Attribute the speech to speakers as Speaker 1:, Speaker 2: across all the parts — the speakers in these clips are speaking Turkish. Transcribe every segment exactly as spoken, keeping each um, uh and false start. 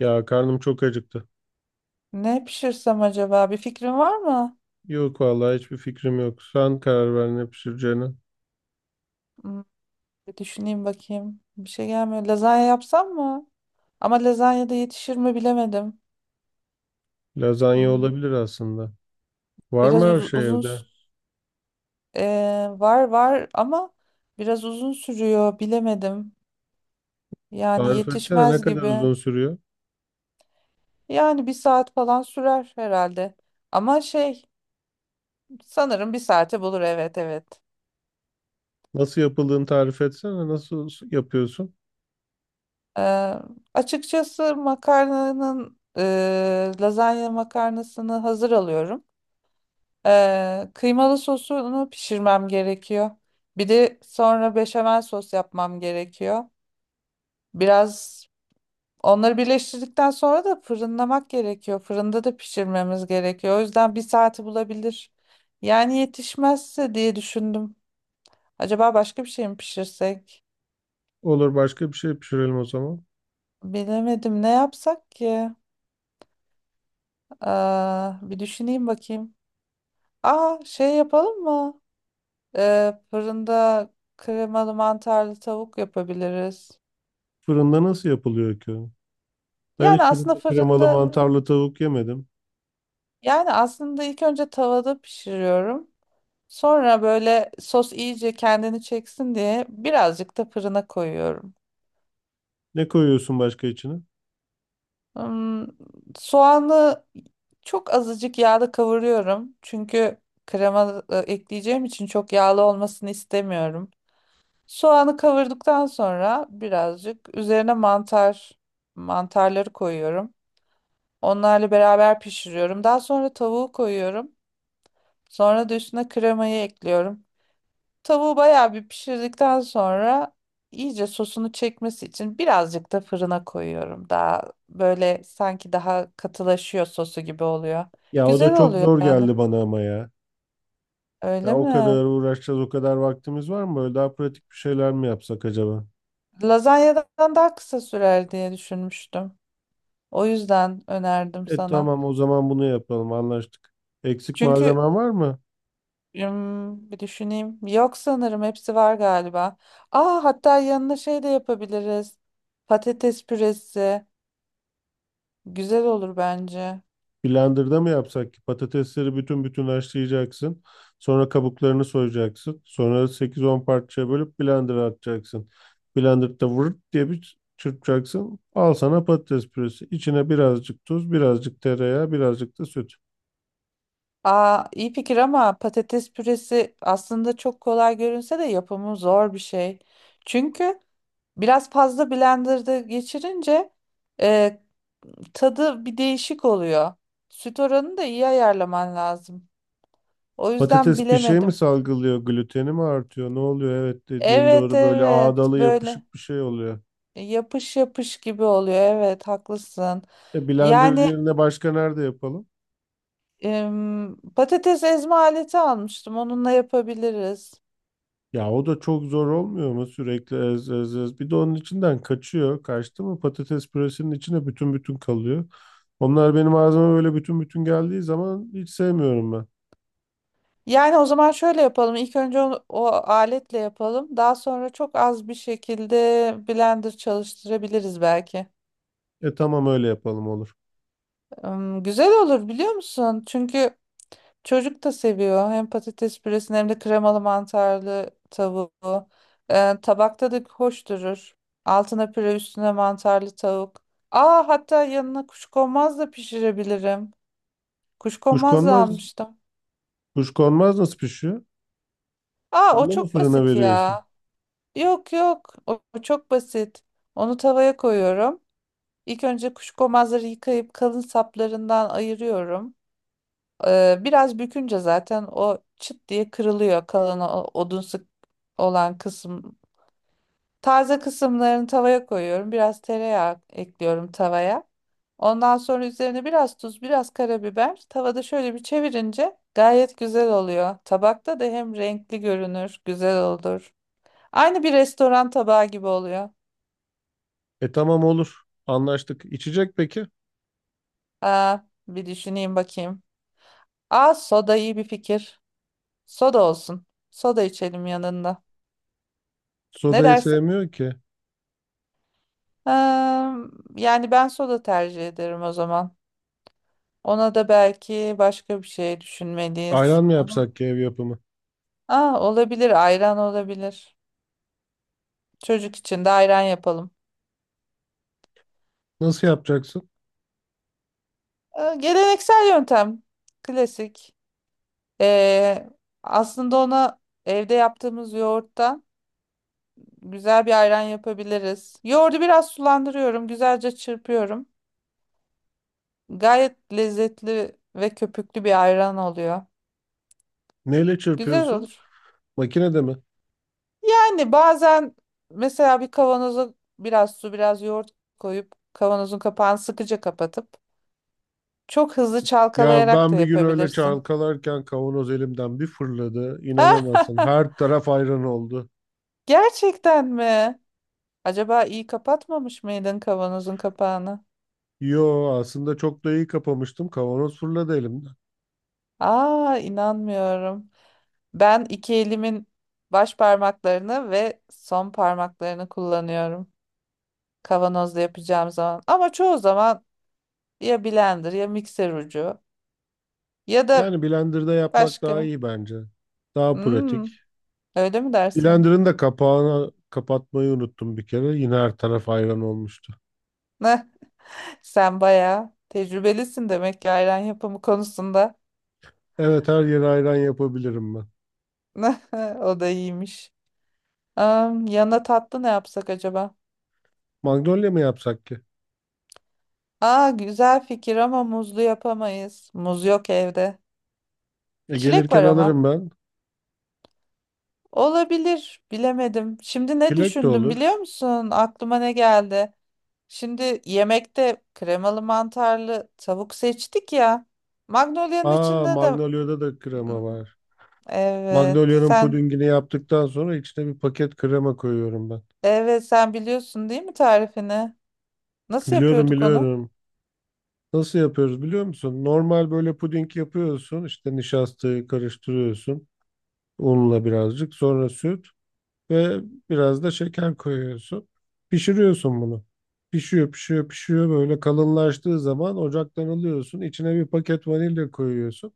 Speaker 1: Ya karnım çok acıktı.
Speaker 2: Ne pişirsem acaba? Bir fikrin var mı?
Speaker 1: Yok vallahi hiçbir fikrim yok. Sen karar ver ne pişireceğine.
Speaker 2: Hmm, bir düşüneyim bakayım. Bir şey gelmiyor. Lazanya yapsam mı? Ama lazanya da yetişir mi bilemedim.
Speaker 1: Lazanya
Speaker 2: Hmm,
Speaker 1: olabilir aslında. Var
Speaker 2: biraz
Speaker 1: mı her
Speaker 2: uz-
Speaker 1: şey
Speaker 2: uzun
Speaker 1: evde?
Speaker 2: s- ee, var var ama biraz uzun sürüyor bilemedim. Yani
Speaker 1: Tarif etsene ne
Speaker 2: yetişmez
Speaker 1: kadar
Speaker 2: gibi.
Speaker 1: uzun sürüyor?
Speaker 2: Yani bir saat falan sürer herhalde. Ama şey sanırım bir saate bulur, evet evet.
Speaker 1: Nasıl yapıldığını tarif etsene. Nasıl s- yapıyorsun?
Speaker 2: Ee, açıkçası makarnanın ee, lazanya makarnasını hazır alıyorum. Ee, kıymalı sosunu pişirmem gerekiyor. Bir de sonra beşamel sos yapmam gerekiyor. Biraz onları birleştirdikten sonra da fırınlamak gerekiyor. Fırında da pişirmemiz gerekiyor. O yüzden bir saati bulabilir. Yani yetişmezse diye düşündüm. Acaba başka bir şey mi pişirsek?
Speaker 1: Olur başka bir şey pişirelim o zaman.
Speaker 2: Bilemedim, ne yapsak ki? Aa, bir düşüneyim bakayım. Aa, şey yapalım mı? Ee, fırında kremalı mantarlı tavuk yapabiliriz.
Speaker 1: Fırında nasıl yapılıyor ki? Ben hiç
Speaker 2: Yani aslında
Speaker 1: fırında kremalı
Speaker 2: fırında,
Speaker 1: mantarlı tavuk yemedim.
Speaker 2: yani aslında ilk önce tavada pişiriyorum. Sonra böyle sos iyice kendini çeksin diye birazcık da fırına koyuyorum.
Speaker 1: Ne koyuyorsun başka içine?
Speaker 2: Hmm, soğanı çok azıcık yağda kavuruyorum. Çünkü krema e, ekleyeceğim için çok yağlı olmasını istemiyorum. Soğanı kavurduktan sonra birazcık üzerine mantar mantarları koyuyorum. Onlarla beraber pişiriyorum. Daha sonra tavuğu koyuyorum. Sonra da üstüne kremayı ekliyorum. Tavuğu bayağı bir pişirdikten sonra iyice sosunu çekmesi için birazcık da fırına koyuyorum. Daha böyle sanki daha katılaşıyor sosu gibi oluyor.
Speaker 1: Ya o da
Speaker 2: Güzel
Speaker 1: çok
Speaker 2: oluyor
Speaker 1: zor
Speaker 2: yani.
Speaker 1: geldi bana ama ya. Ya
Speaker 2: Öyle
Speaker 1: o
Speaker 2: mi?
Speaker 1: kadar uğraşacağız, o kadar vaktimiz var mı? Böyle daha pratik bir şeyler mi yapsak acaba?
Speaker 2: Lazanyadan daha kısa sürer diye düşünmüştüm. O yüzden önerdim
Speaker 1: E
Speaker 2: sana.
Speaker 1: tamam o zaman bunu yapalım, anlaştık. Eksik
Speaker 2: Çünkü
Speaker 1: malzemen var mı?
Speaker 2: ım, bir düşüneyim. Yok, sanırım hepsi var galiba. Aa, hatta yanına şey de yapabiliriz. Patates püresi. Güzel olur bence.
Speaker 1: Blender'da mı yapsak ki? Patatesleri bütün bütün haşlayacaksın. Sonra kabuklarını soyacaksın. Sonra sekiz on parçaya bölüp blender'a atacaksın. Blender'da vırt diye bir çırpacaksın. Al sana patates püresi. İçine birazcık tuz, birazcık tereyağı, birazcık da süt.
Speaker 2: Aa, iyi fikir ama patates püresi aslında çok kolay görünse de yapımı zor bir şey. Çünkü biraz fazla blenderda geçirince e, tadı bir değişik oluyor. Süt oranını da iyi ayarlaman lazım. O yüzden
Speaker 1: Patates bir şey mi
Speaker 2: bilemedim.
Speaker 1: salgılıyor? Gluteni mi artıyor? Ne oluyor? Evet, dediğin
Speaker 2: Evet
Speaker 1: doğru, böyle
Speaker 2: evet,
Speaker 1: ağdalı
Speaker 2: böyle
Speaker 1: yapışık bir şey oluyor.
Speaker 2: yapış yapış gibi oluyor. Evet, haklısın.
Speaker 1: E blender
Speaker 2: Yani
Speaker 1: yerine başka nerede yapalım?
Speaker 2: em, patates ezme aleti almıştım. Onunla yapabiliriz.
Speaker 1: Ya o da çok zor olmuyor mu sürekli ez ez ez. Bir de onun içinden kaçıyor. Kaçtı mı patates püresinin içine bütün bütün kalıyor. Onlar benim ağzıma böyle bütün bütün geldiği zaman hiç sevmiyorum ben.
Speaker 2: Yani o zaman şöyle yapalım. İlk önce onu- o aletle yapalım. Daha sonra çok az bir şekilde blender çalıştırabiliriz belki.
Speaker 1: E tamam öyle yapalım, olur.
Speaker 2: Im, güzel olur biliyor musun? Çünkü çocuk da seviyor. Hem patates püresini hem de kremalı mantarlı tavuğu. Ee, tabakta da hoş durur. Altına püre, üstüne mantarlı tavuk. Aa, hatta yanına kuşkonmaz da pişirebilirim. Kuşkonmaz da
Speaker 1: Kuşkonmaz,
Speaker 2: almıştım.
Speaker 1: kuşkonmaz nasıl pişiyor?
Speaker 2: Aa, o
Speaker 1: Onunla mı
Speaker 2: çok
Speaker 1: fırına
Speaker 2: basit ya.
Speaker 1: veriyorsun?
Speaker 2: Yok yok, o o çok basit. Onu tavaya koyuyorum. İlk önce kuşkonmazları yıkayıp kalın saplarından ayırıyorum. Ee, biraz bükünce zaten o çıt diye kırılıyor, kalın o- odunsu olan kısım. Taze kısımlarını tavaya koyuyorum. Biraz tereyağı ekliyorum tavaya. Ondan sonra üzerine biraz tuz, biraz karabiber. Tavada şöyle bir çevirince gayet güzel oluyor. Tabakta da hem renkli görünür, güzel olur. Aynı bir restoran tabağı gibi oluyor.
Speaker 1: E tamam, olur. Anlaştık. İçecek peki?
Speaker 2: Aa, bir düşüneyim bakayım. Aa, soda iyi bir fikir. Soda olsun. Soda içelim yanında. Ne
Speaker 1: Sodayı
Speaker 2: dersin?
Speaker 1: sevmiyor ki.
Speaker 2: Ee, yani ben soda tercih ederim o zaman. Ona da belki başka bir şey düşünmeliyiz.
Speaker 1: Ayran mı
Speaker 2: Ama
Speaker 1: yapsak ki ev yapımı?
Speaker 2: aa, olabilir, ayran olabilir. Çocuk için de ayran yapalım.
Speaker 1: Nasıl yapacaksın?
Speaker 2: Ee, geleneksel yöntem. Klasik. Ee, aslında ona evde yaptığımız yoğurttan güzel bir ayran yapabiliriz. Yoğurdu biraz sulandırıyorum, güzelce çırpıyorum. Gayet lezzetli ve köpüklü bir ayran oluyor.
Speaker 1: Neyle
Speaker 2: Güzel
Speaker 1: çırpıyorsun?
Speaker 2: olur.
Speaker 1: Makinede mi?
Speaker 2: Yani bazen mesela bir kavanoza biraz su, biraz yoğurt koyup kavanozun kapağını sıkıca kapatıp çok hızlı
Speaker 1: Ya
Speaker 2: çalkalayarak da
Speaker 1: ben bir gün öyle
Speaker 2: yapabilirsin.
Speaker 1: çalkalarken kavanoz elimden bir fırladı. İnanamazsın. Her taraf ayran oldu.
Speaker 2: Gerçekten mi? Acaba iyi kapatmamış mıydın kavanozun kapağını?
Speaker 1: Yo, aslında çok da iyi kapamıştım. Kavanoz fırladı elimden.
Speaker 2: Aa, inanmıyorum. Ben iki elimin baş parmaklarını ve son parmaklarını kullanıyorum kavanozda yapacağım zaman. Ama çoğu zaman ya blender, ya mikser ucu, ya da
Speaker 1: Yani blenderda yapmak daha
Speaker 2: başka.
Speaker 1: iyi bence. Daha pratik.
Speaker 2: Hmm, öyle mi dersin?
Speaker 1: Blenderın da kapağını kapatmayı unuttum bir kere. Yine her taraf ayran olmuştu.
Speaker 2: Sen bayağı tecrübelisin demek ki ayran yapımı konusunda.
Speaker 1: Evet, her yere ayran yapabilirim ben.
Speaker 2: O da iyiymiş. Am, yanına tatlı ne yapsak acaba?
Speaker 1: Magnolia mı yapsak ki?
Speaker 2: Aa, güzel fikir ama muzlu yapamayız. Muz yok evde.
Speaker 1: E,
Speaker 2: Çilek
Speaker 1: gelirken
Speaker 2: var ama.
Speaker 1: alırım ben.
Speaker 2: Olabilir, bilemedim. Şimdi ne
Speaker 1: Çilek de
Speaker 2: düşündüm biliyor
Speaker 1: olur.
Speaker 2: musun? Aklıma ne geldi? Şimdi yemekte kremalı mantarlı tavuk seçtik ya. Magnolia'nın
Speaker 1: Aa,
Speaker 2: içinde de.
Speaker 1: Magnolia'da da krema
Speaker 2: Hmm,
Speaker 1: var.
Speaker 2: evet
Speaker 1: Magnolya'nın
Speaker 2: sen
Speaker 1: pudingini yaptıktan sonra içine bir paket krema koyuyorum ben.
Speaker 2: evet sen biliyorsun değil mi tarifini? Nasıl
Speaker 1: Biliyorum,
Speaker 2: yapıyorduk onu?
Speaker 1: biliyorum. Nasıl yapıyoruz biliyor musun? Normal böyle puding yapıyorsun. İşte nişastayı karıştırıyorsun. Unla birazcık. Sonra süt ve biraz da şeker koyuyorsun. Pişiriyorsun bunu. Pişiyor pişiyor pişiyor, böyle kalınlaştığı zaman ocaktan alıyorsun. İçine bir paket vanilya koyuyorsun.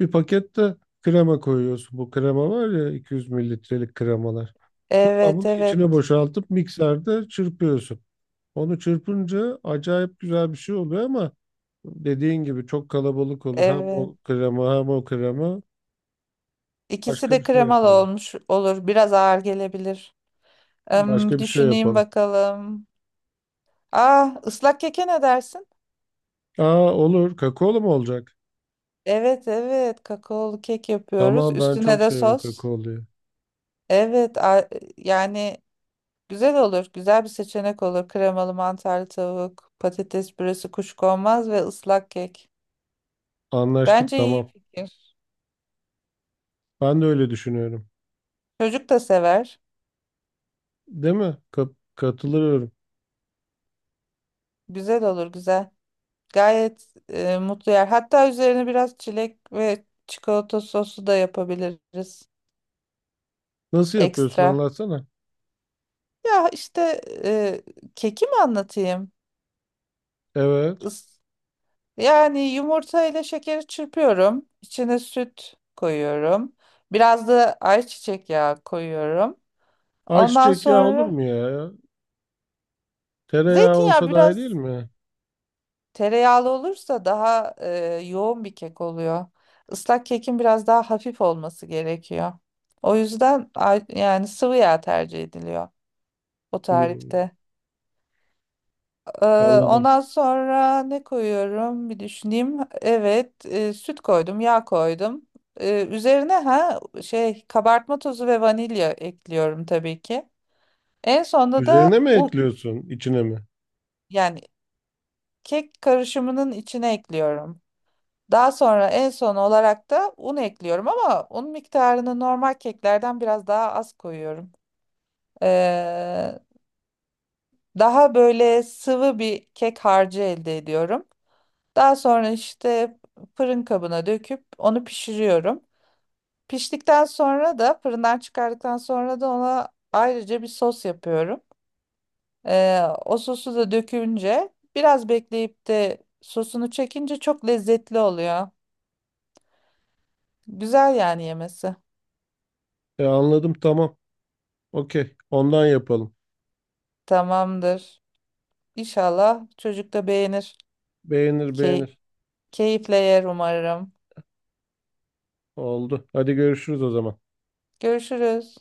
Speaker 1: Bir paket de krema koyuyorsun. Bu krema var ya, iki yüz mililitrelik kremalar.
Speaker 2: Evet
Speaker 1: Kabını içine
Speaker 2: evet
Speaker 1: boşaltıp mikserde çırpıyorsun. Onu çırpınca acayip güzel bir şey oluyor ama dediğin gibi çok kalabalık olur. Hem
Speaker 2: evet.
Speaker 1: o krema hem o krema.
Speaker 2: İkisi
Speaker 1: Başka bir
Speaker 2: de
Speaker 1: şey
Speaker 2: kremalı
Speaker 1: yapalım.
Speaker 2: olmuş olur. Biraz ağır gelebilir. Hmm,
Speaker 1: Başka
Speaker 2: bir
Speaker 1: bir şey
Speaker 2: düşüneyim
Speaker 1: yapalım.
Speaker 2: bakalım. Ah, ıslak keke ne dersin?
Speaker 1: Aa, olur. Kakaolu mu olacak?
Speaker 2: Evet evet, kakaolu kek yapıyoruz.
Speaker 1: Tamam, ben
Speaker 2: Üstüne
Speaker 1: çok
Speaker 2: de
Speaker 1: severim
Speaker 2: sos.
Speaker 1: kakaoluyu.
Speaker 2: Evet, a- yani güzel olur. Güzel bir seçenek olur. Kremalı mantarlı tavuk, patates püresi, kuşkonmaz ve ıslak kek.
Speaker 1: Anlaştık,
Speaker 2: Bence iyi
Speaker 1: tamam.
Speaker 2: fikir.
Speaker 1: Ben de öyle düşünüyorum.
Speaker 2: Çocuk da sever.
Speaker 1: Değil mi? Ka- katılıyorum.
Speaker 2: Güzel olur, güzel. Gayet e, mutlu yer. Hatta üzerine biraz çilek ve çikolata sosu da yapabiliriz.
Speaker 1: Nasıl yapıyorsun
Speaker 2: Ekstra.
Speaker 1: anlatsana.
Speaker 2: Ya işte e, keki mi anlatayım?
Speaker 1: Evet.
Speaker 2: Is yani yumurta ile şekeri çırpıyorum. İçine süt koyuyorum. Biraz da ayçiçek yağı koyuyorum. Ondan
Speaker 1: Ayçiçek yağı olur
Speaker 2: sonra
Speaker 1: mu ya? Tereyağı
Speaker 2: zeytinyağı
Speaker 1: olsa daha iyi değil
Speaker 2: biraz,
Speaker 1: mi?
Speaker 2: tereyağlı olursa daha e, yoğun bir kek oluyor. Islak kekin biraz daha hafif olması gerekiyor. O yüzden a- yani sıvı yağ tercih ediliyor o
Speaker 1: Hmm,
Speaker 2: tarifte. Ee,
Speaker 1: anladım.
Speaker 2: ondan sonra ne koyuyorum bir düşüneyim. Evet, e, süt koydum, yağ koydum. Ee, üzerine ha, şey, kabartma tozu ve vanilya ekliyorum tabii ki. En sonunda
Speaker 1: Üzerine
Speaker 2: da
Speaker 1: mi
Speaker 2: un,
Speaker 1: ekliyorsun, içine mi?
Speaker 2: yani kek karışımının içine ekliyorum. Daha sonra en son olarak da un ekliyorum ama un miktarını normal keklerden biraz daha az koyuyorum. Ee, daha böyle sıvı bir kek harcı elde ediyorum. Daha sonra işte fırın kabına döküp onu pişiriyorum. Piştikten sonra da fırından çıkardıktan sonra da ona ayrıca bir sos yapıyorum. Ee, o sosu da dökünce biraz bekleyip de sosunu çekince çok lezzetli oluyor. Güzel yani yemesi.
Speaker 1: E anladım, tamam. Okey. Ondan yapalım.
Speaker 2: Tamamdır. İnşallah çocuk da beğenir.
Speaker 1: Beğenir
Speaker 2: Key
Speaker 1: beğenir.
Speaker 2: keyifle yer umarım.
Speaker 1: Oldu. Hadi görüşürüz o zaman.
Speaker 2: Görüşürüz.